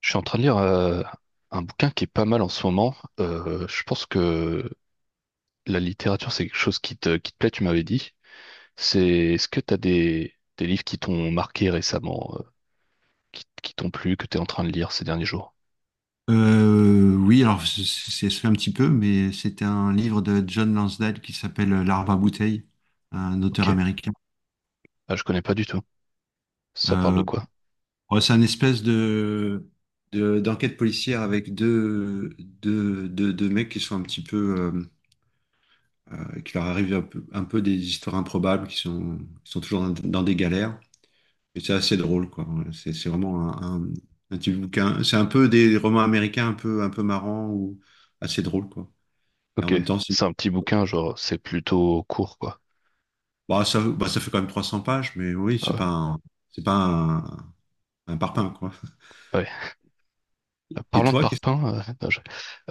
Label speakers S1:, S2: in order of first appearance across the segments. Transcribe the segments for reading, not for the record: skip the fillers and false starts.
S1: Je suis en train de lire un bouquin qui est pas mal en ce moment. Je pense que la littérature, c'est quelque chose qui te plaît, tu m'avais dit. C'est, Est-ce que tu as des livres qui t'ont marqué récemment, qui t'ont plu, que tu es en train de lire ces derniers jours?
S2: Oui, alors ça fait un petit peu, mais c'était un livre de John Lansdale qui s'appelle L'arbre à bouteille, un auteur
S1: Ok.
S2: américain.
S1: Ah, je connais pas du tout. Ça parle de
S2: Euh,
S1: quoi?
S2: ouais, c'est un espèce d'enquête policière avec deux mecs qui sont un petit peu, qui leur arrivent un peu, des histoires improbables, qui sont toujours dans des galères. Et c'est assez drôle, quoi. C'est vraiment un petit bouquin. C'est un peu des romans américains un peu, marrants ou assez drôles, quoi. Et en
S1: Ok.
S2: même temps,
S1: C'est un petit bouquin, genre, c'est plutôt court, quoi.
S2: bah, ça fait quand même 300 pages, mais oui,
S1: Ah
S2: c'est
S1: ouais.
S2: pas un, c'est pas un, un parpaing, quoi.
S1: Ouais.
S2: Et
S1: Parlant de
S2: toi,
S1: parpaing, non,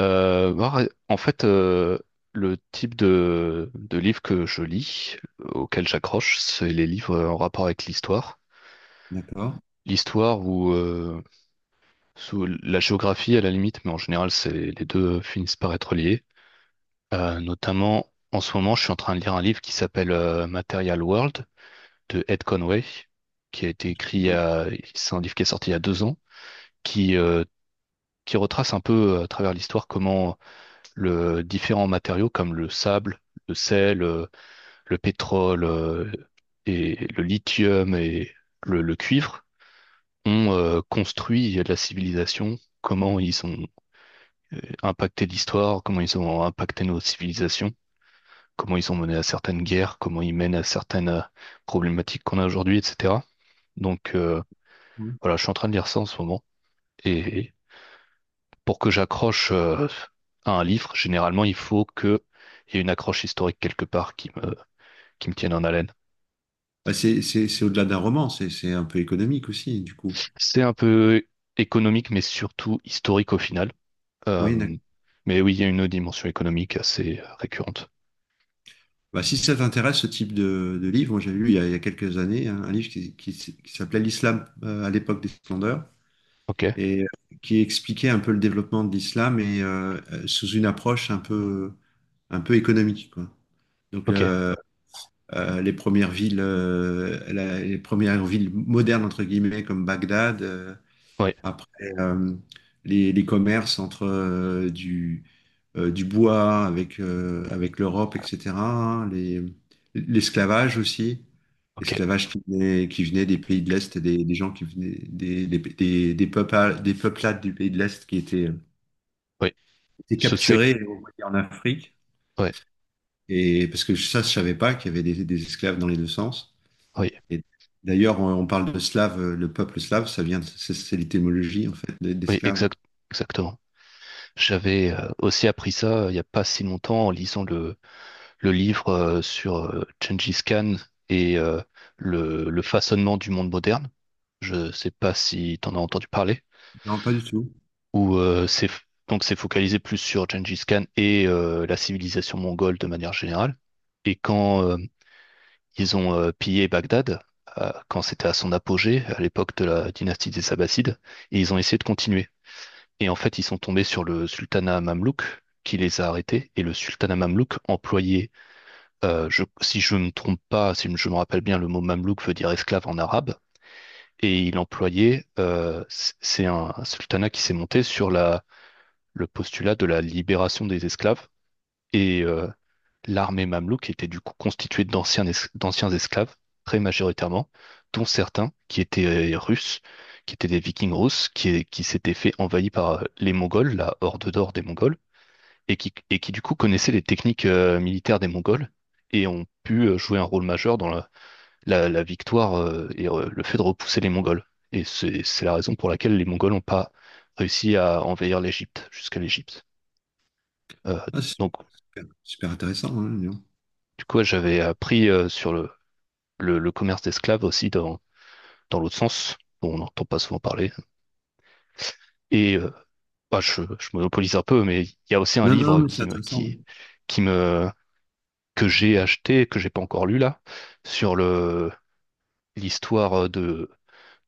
S1: bah, en fait, le type de livre que je lis, auquel j'accroche, c'est les livres en rapport avec l'histoire.
S2: d'accord.
S1: L'histoire ou sous la géographie à la limite, mais en général, les deux finissent par être liés. Notamment, en ce moment, je suis en train de lire un livre qui s'appelle Material World de Ed Conway, qui a été écrit, il y a- c'est un livre qui est sorti il y a 2 ans, qui, euh, qui retrace un peu à travers l'histoire comment le différents matériaux comme le sable, le sel, pétrole et le lithium et le cuivre ont construit la civilisation, comment ils ont impacté l'histoire, comment ils ont impacté nos civilisations, comment ils ont mené à certaines guerres, comment ils mènent à certaines problématiques qu'on a aujourd'hui, etc. Donc,
S2: Oui.
S1: voilà, je suis en train de lire ça en ce moment. Et pour que j'accroche à un livre, généralement, il faut que il y ait une accroche historique quelque part qui me tiennent en haleine.
S2: Bah, c'est au-delà d'un roman, c'est un peu économique aussi, du coup.
S1: C'est un peu économique, mais surtout historique au final.
S2: Oui,
S1: Euh,
S2: d'accord.
S1: mais oui, il y a une dimension économique assez récurrente.
S2: Bah, si ça t'intéresse, ce type de livre, moi j'ai lu il y a quelques années un livre qui s'appelait L'Islam, à l'époque des splendeurs
S1: Ok,
S2: et, qui expliquait un peu le développement de l'islam et, sous une approche un peu, économique, quoi. Donc,
S1: ok,
S2: euh, euh, les premières villes, les premières villes modernes entre guillemets comme Bagdad.
S1: oui,
S2: Après, les commerces entre du bois avec avec l'Europe, etc., hein, les l'esclavage aussi.
S1: ok,
S2: L'esclavage qui venait des pays de l'Est, des gens qui venaient des peuplades du pays de l'Est
S1: oui.
S2: étaient
S1: Ce c'est,
S2: capturés et envoyés en Afrique.
S1: ouais,
S2: Et parce que ça, je savais pas qu'il y avait des esclaves dans les deux sens.
S1: oui,
S2: Et d'ailleurs, on parle de slave, le peuple slave, c'est l'étymologie en fait
S1: oui,
S2: d'esclaves.
S1: exact, exactement. J'avais aussi appris ça il n'y a pas si longtemps en lisant le livre sur Gengis Khan et le façonnement du monde moderne. Je sais pas si tu en as entendu parler.
S2: Non, pas du tout.
S1: Où c'est donc c'est focalisé plus sur Gengis Khan et la civilisation mongole de manière générale. Et quand ils ont pillé Bagdad, quand c'était à son apogée, à l'époque de la dynastie des Abbassides, et ils ont essayé de continuer. Et en fait, ils sont tombés sur le sultanat mamelouk qui les a arrêtés. Et le sultanat mamelouk employait, si je ne me trompe pas, si je me rappelle bien, le mot mamelouk veut dire esclave en arabe. Et il employait, c'est un sultanat qui s'est monté sur le postulat de la libération des esclaves. Et l'armée mamelouk était du coup constituée d'anciens esclaves, très majoritairement, dont certains qui étaient russes, qui étaient des vikings russes, qui s'étaient fait envahir par les Mongols, la horde d'or des Mongols, et qui du coup connaissaient les techniques militaires des Mongols et ont pu jouer un rôle majeur dans la victoire et le fait de repousser les Mongols. Et c'est la raison pour laquelle les Mongols n'ont pas réussi à envahir l'Égypte, jusqu'à l'Égypte. Euh,
S2: Ah, c'est super,
S1: donc,
S2: super, super intéressant. Hein, dis donc.
S1: du coup, j'avais appris sur le commerce d'esclaves aussi dans l'autre sens, dont on n'entend pas souvent parler. Et bah, je monopolise un peu, mais il y a aussi un
S2: Non, non, non,
S1: livre
S2: mais c'est intéressant. Ouais.
S1: qui me, que j'ai acheté, que j'ai pas encore lu là, sur l'histoire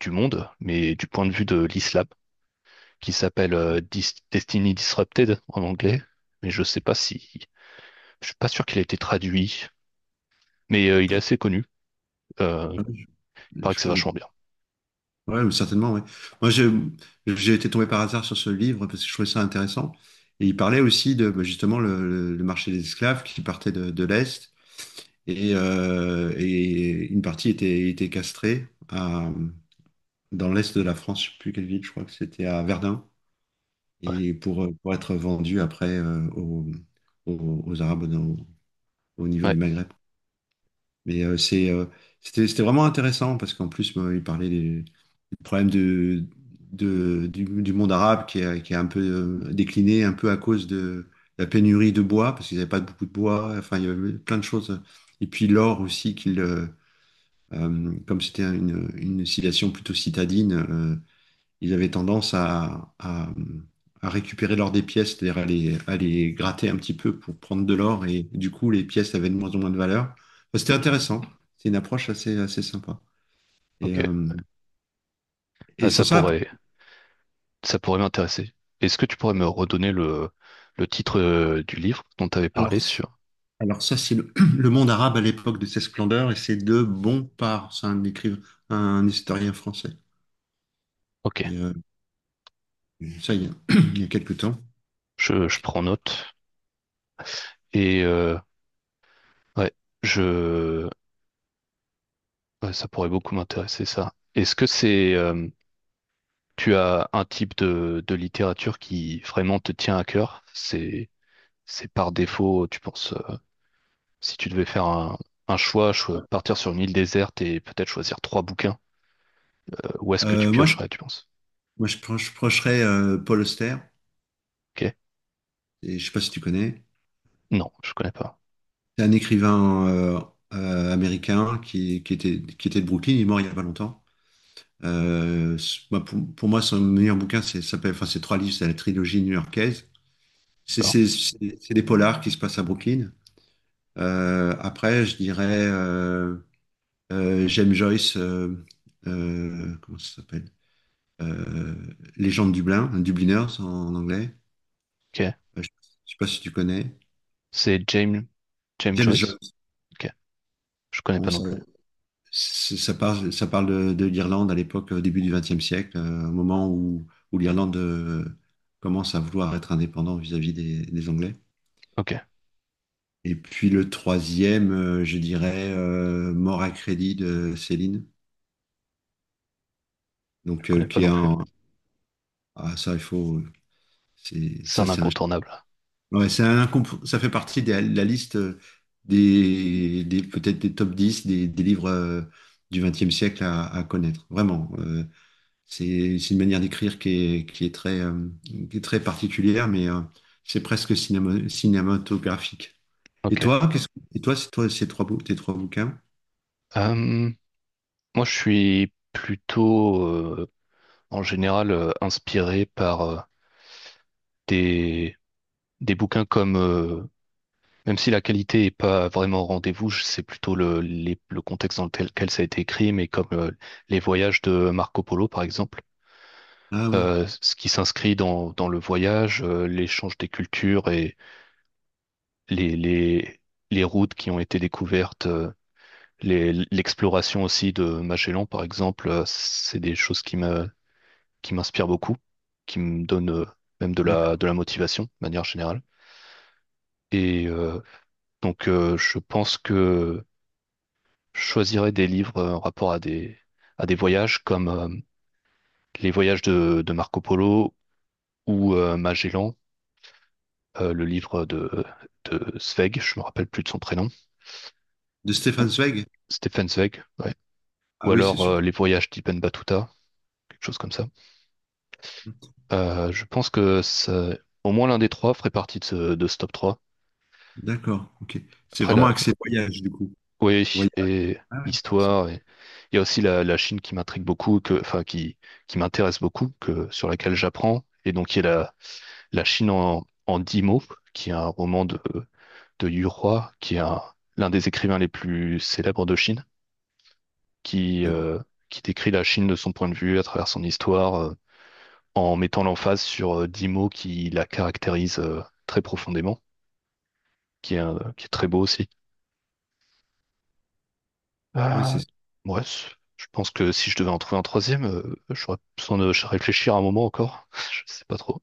S1: du monde, mais du point de vue de l'islam, qui s'appelle Destiny Disrupted en anglais. Mais je sais pas si, je suis pas sûr qu'il a été traduit, mais il est assez connu. Euh,
S2: Ah oui,
S1: Paraît que
S2: je
S1: c'est
S2: connais pas.
S1: vachement bien.
S2: Ouais, mais certainement. Oui. Moi, j'ai été tombé par hasard sur ce livre parce que je trouvais ça intéressant. Et il parlait aussi de bah, justement le marché des esclaves qui partait de l'Est et une partie était castrée dans l'Est de la France. Je sais plus quelle ville, je crois que c'était à Verdun.
S1: Ouais,
S2: Et pour être vendu après aux Arabes au niveau
S1: ouais,
S2: du Maghreb. Mais c'était vraiment intéressant parce qu'en plus, moi, il parlait des problèmes du monde arabe qui a un peu décliné, un peu à cause de la pénurie de bois, parce qu'ils n'avaient pas beaucoup de bois, enfin, il y avait plein de choses. Et puis l'or aussi, comme c'était une citation plutôt citadine, ils avaient tendance à, à récupérer l'or des pièces, c'est-à-dire à les gratter un petit peu pour prendre de l'or, et du coup, les pièces avaient de moins en moins de valeur. Enfin, c'était intéressant, c'est une approche assez sympa.
S1: ok.
S2: Et, euh,
S1: Ah,
S2: et sans
S1: ça
S2: ça,
S1: pourrait, ça pourrait m'intéresser. Est-ce que tu pourrais me redonner le titre du livre dont tu avais parlé
S2: alors,
S1: sur...
S2: alors ça, c'est le monde arabe à l'époque de ses splendeurs, et c'est de Bompard, c'est un écrivain, un historien français.
S1: Ok,
S2: Et, ça, il y a quelques temps.
S1: je prends note. Et ouais, je... ouais, ça pourrait beaucoup m'intéresser, ça. Tu as un type de littérature qui vraiment te tient à cœur. C'est par défaut, tu penses, si tu devais faire un choix, partir sur une île déserte et peut-être choisir trois bouquins, où est-ce que tu
S2: Moi,
S1: piocherais, tu penses?
S2: procherais, Paul Auster,
S1: Ok.
S2: et je sais pas si tu connais.
S1: Non, je connais pas.
S2: C'est un écrivain américain qui était de Brooklyn, il est mort il y a pas longtemps. Moi, pour moi, son meilleur bouquin, c'est ça s'appelle, enfin, c'est trois livres, c'est la trilogie new-yorkaise. C'est
S1: D'accord.
S2: c'est- c'est- c'est des polars qui se passent à Brooklyn. Après, je dirais, j'aime Joyce, comment ça s'appelle? Euh, Les gens de Dublin, Dubliners en anglais.
S1: Ok.
S2: Je ne sais pas si tu connais.
S1: C'est James, James
S2: James
S1: Joyce.
S2: Joyce.
S1: Ok. Je connais
S2: Bon,
S1: pas non plus.
S2: Ça parle de l'Irlande à l'époque, au début du XXe siècle, au moment où l'Irlande commence à vouloir être indépendante vis-à-vis des Anglais.
S1: Ok.
S2: Et puis le troisième, je dirais, Mort à crédit de Céline.
S1: Je
S2: Donc,
S1: connais pas
S2: qui est
S1: non plus.
S2: un. Ah, ça, il faut.
S1: C'est
S2: Ça,
S1: un
S2: c'est un.
S1: incontournable.
S2: Ouais, ça fait partie de la liste peut-être des top 10 des livres du XXe siècle à connaître. Vraiment. C'est une manière d'écrire qui est très particulière, mais c'est presque cinématographique. Et
S1: Ok.
S2: toi, qu'est-ce que- et toi, c'est toi, tes trois bouquins?
S1: Euh, Moi, je suis plutôt, en général, inspiré par des des bouquins comme, même si la qualité est pas vraiment au rendez-vous, c'est plutôt le contexte dans lequel ça a été écrit, mais comme les voyages de Marco Polo, par exemple,
S2: Ah oui,
S1: ce qui s'inscrit dans le voyage, l'échange des cultures et les, les, les routes qui ont été découvertes, l'exploration aussi de Magellan, par exemple, c'est des choses qui m'inspirent beaucoup, qui me donnent même de la,
S2: d'accord.
S1: de la motivation, de manière générale. Et donc, je pense que je choisirais des livres en rapport à des voyages comme les voyages de Marco Polo ou Magellan, le livre de Zweig, je me rappelle plus de son prénom,
S2: De Stefan Zweig?
S1: Stefan Zweig, ouais. Ou
S2: Ah oui, c'est
S1: alors
S2: super.
S1: les voyages d'Ibn Battuta, quelque chose comme ça. Je pense que au moins l'un des trois ferait partie de ce top 3.
S2: D'accord, ok. C'est
S1: Après,
S2: vraiment axé voyage, du coup.
S1: oui,
S2: Voyage.
S1: et
S2: Ah ouais, c'est ça.
S1: histoire, et il y a aussi la Chine qui m'intrigue beaucoup, enfin, qui m'intéresse beaucoup, sur laquelle j'apprends, et donc qui est La Chine en 10 mots, qui est un roman de Yu Hua, l'un des écrivains les plus célèbres de Chine, qui, euh, qui décrit la Chine de son point de vue à travers son histoire, en mettant l'emphase sur 10 mots qui la caractérisent très profondément, qui est très beau aussi.
S2: Ah ouais,
S1: Euh,
S2: c'est
S1: ouais, je pense que si je devais en trouver un troisième, j'aurais besoin de réfléchir un moment encore. Je sais pas trop.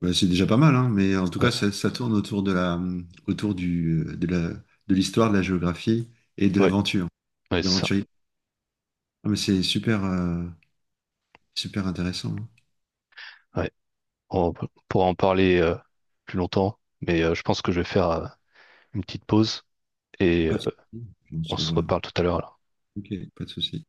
S2: bah, c'est déjà pas mal, hein, mais en tout cas,
S1: Ouais,
S2: ça tourne autour de la, autour du, de la, de l'histoire, de la géographie et de
S1: ouais,
S2: l'aventure,
S1: ouais, c'est ça.
S2: d'aventurier. Ah, mais c'est super, super intéressant.
S1: Ouais. On pourra en parler plus longtemps, mais je pense que je vais faire une petite pause et
S2: Pas de souci. On
S1: on
S2: se
S1: se
S2: revoit.
S1: reparle tout à l'heure, alors.
S2: Ok, pas de souci.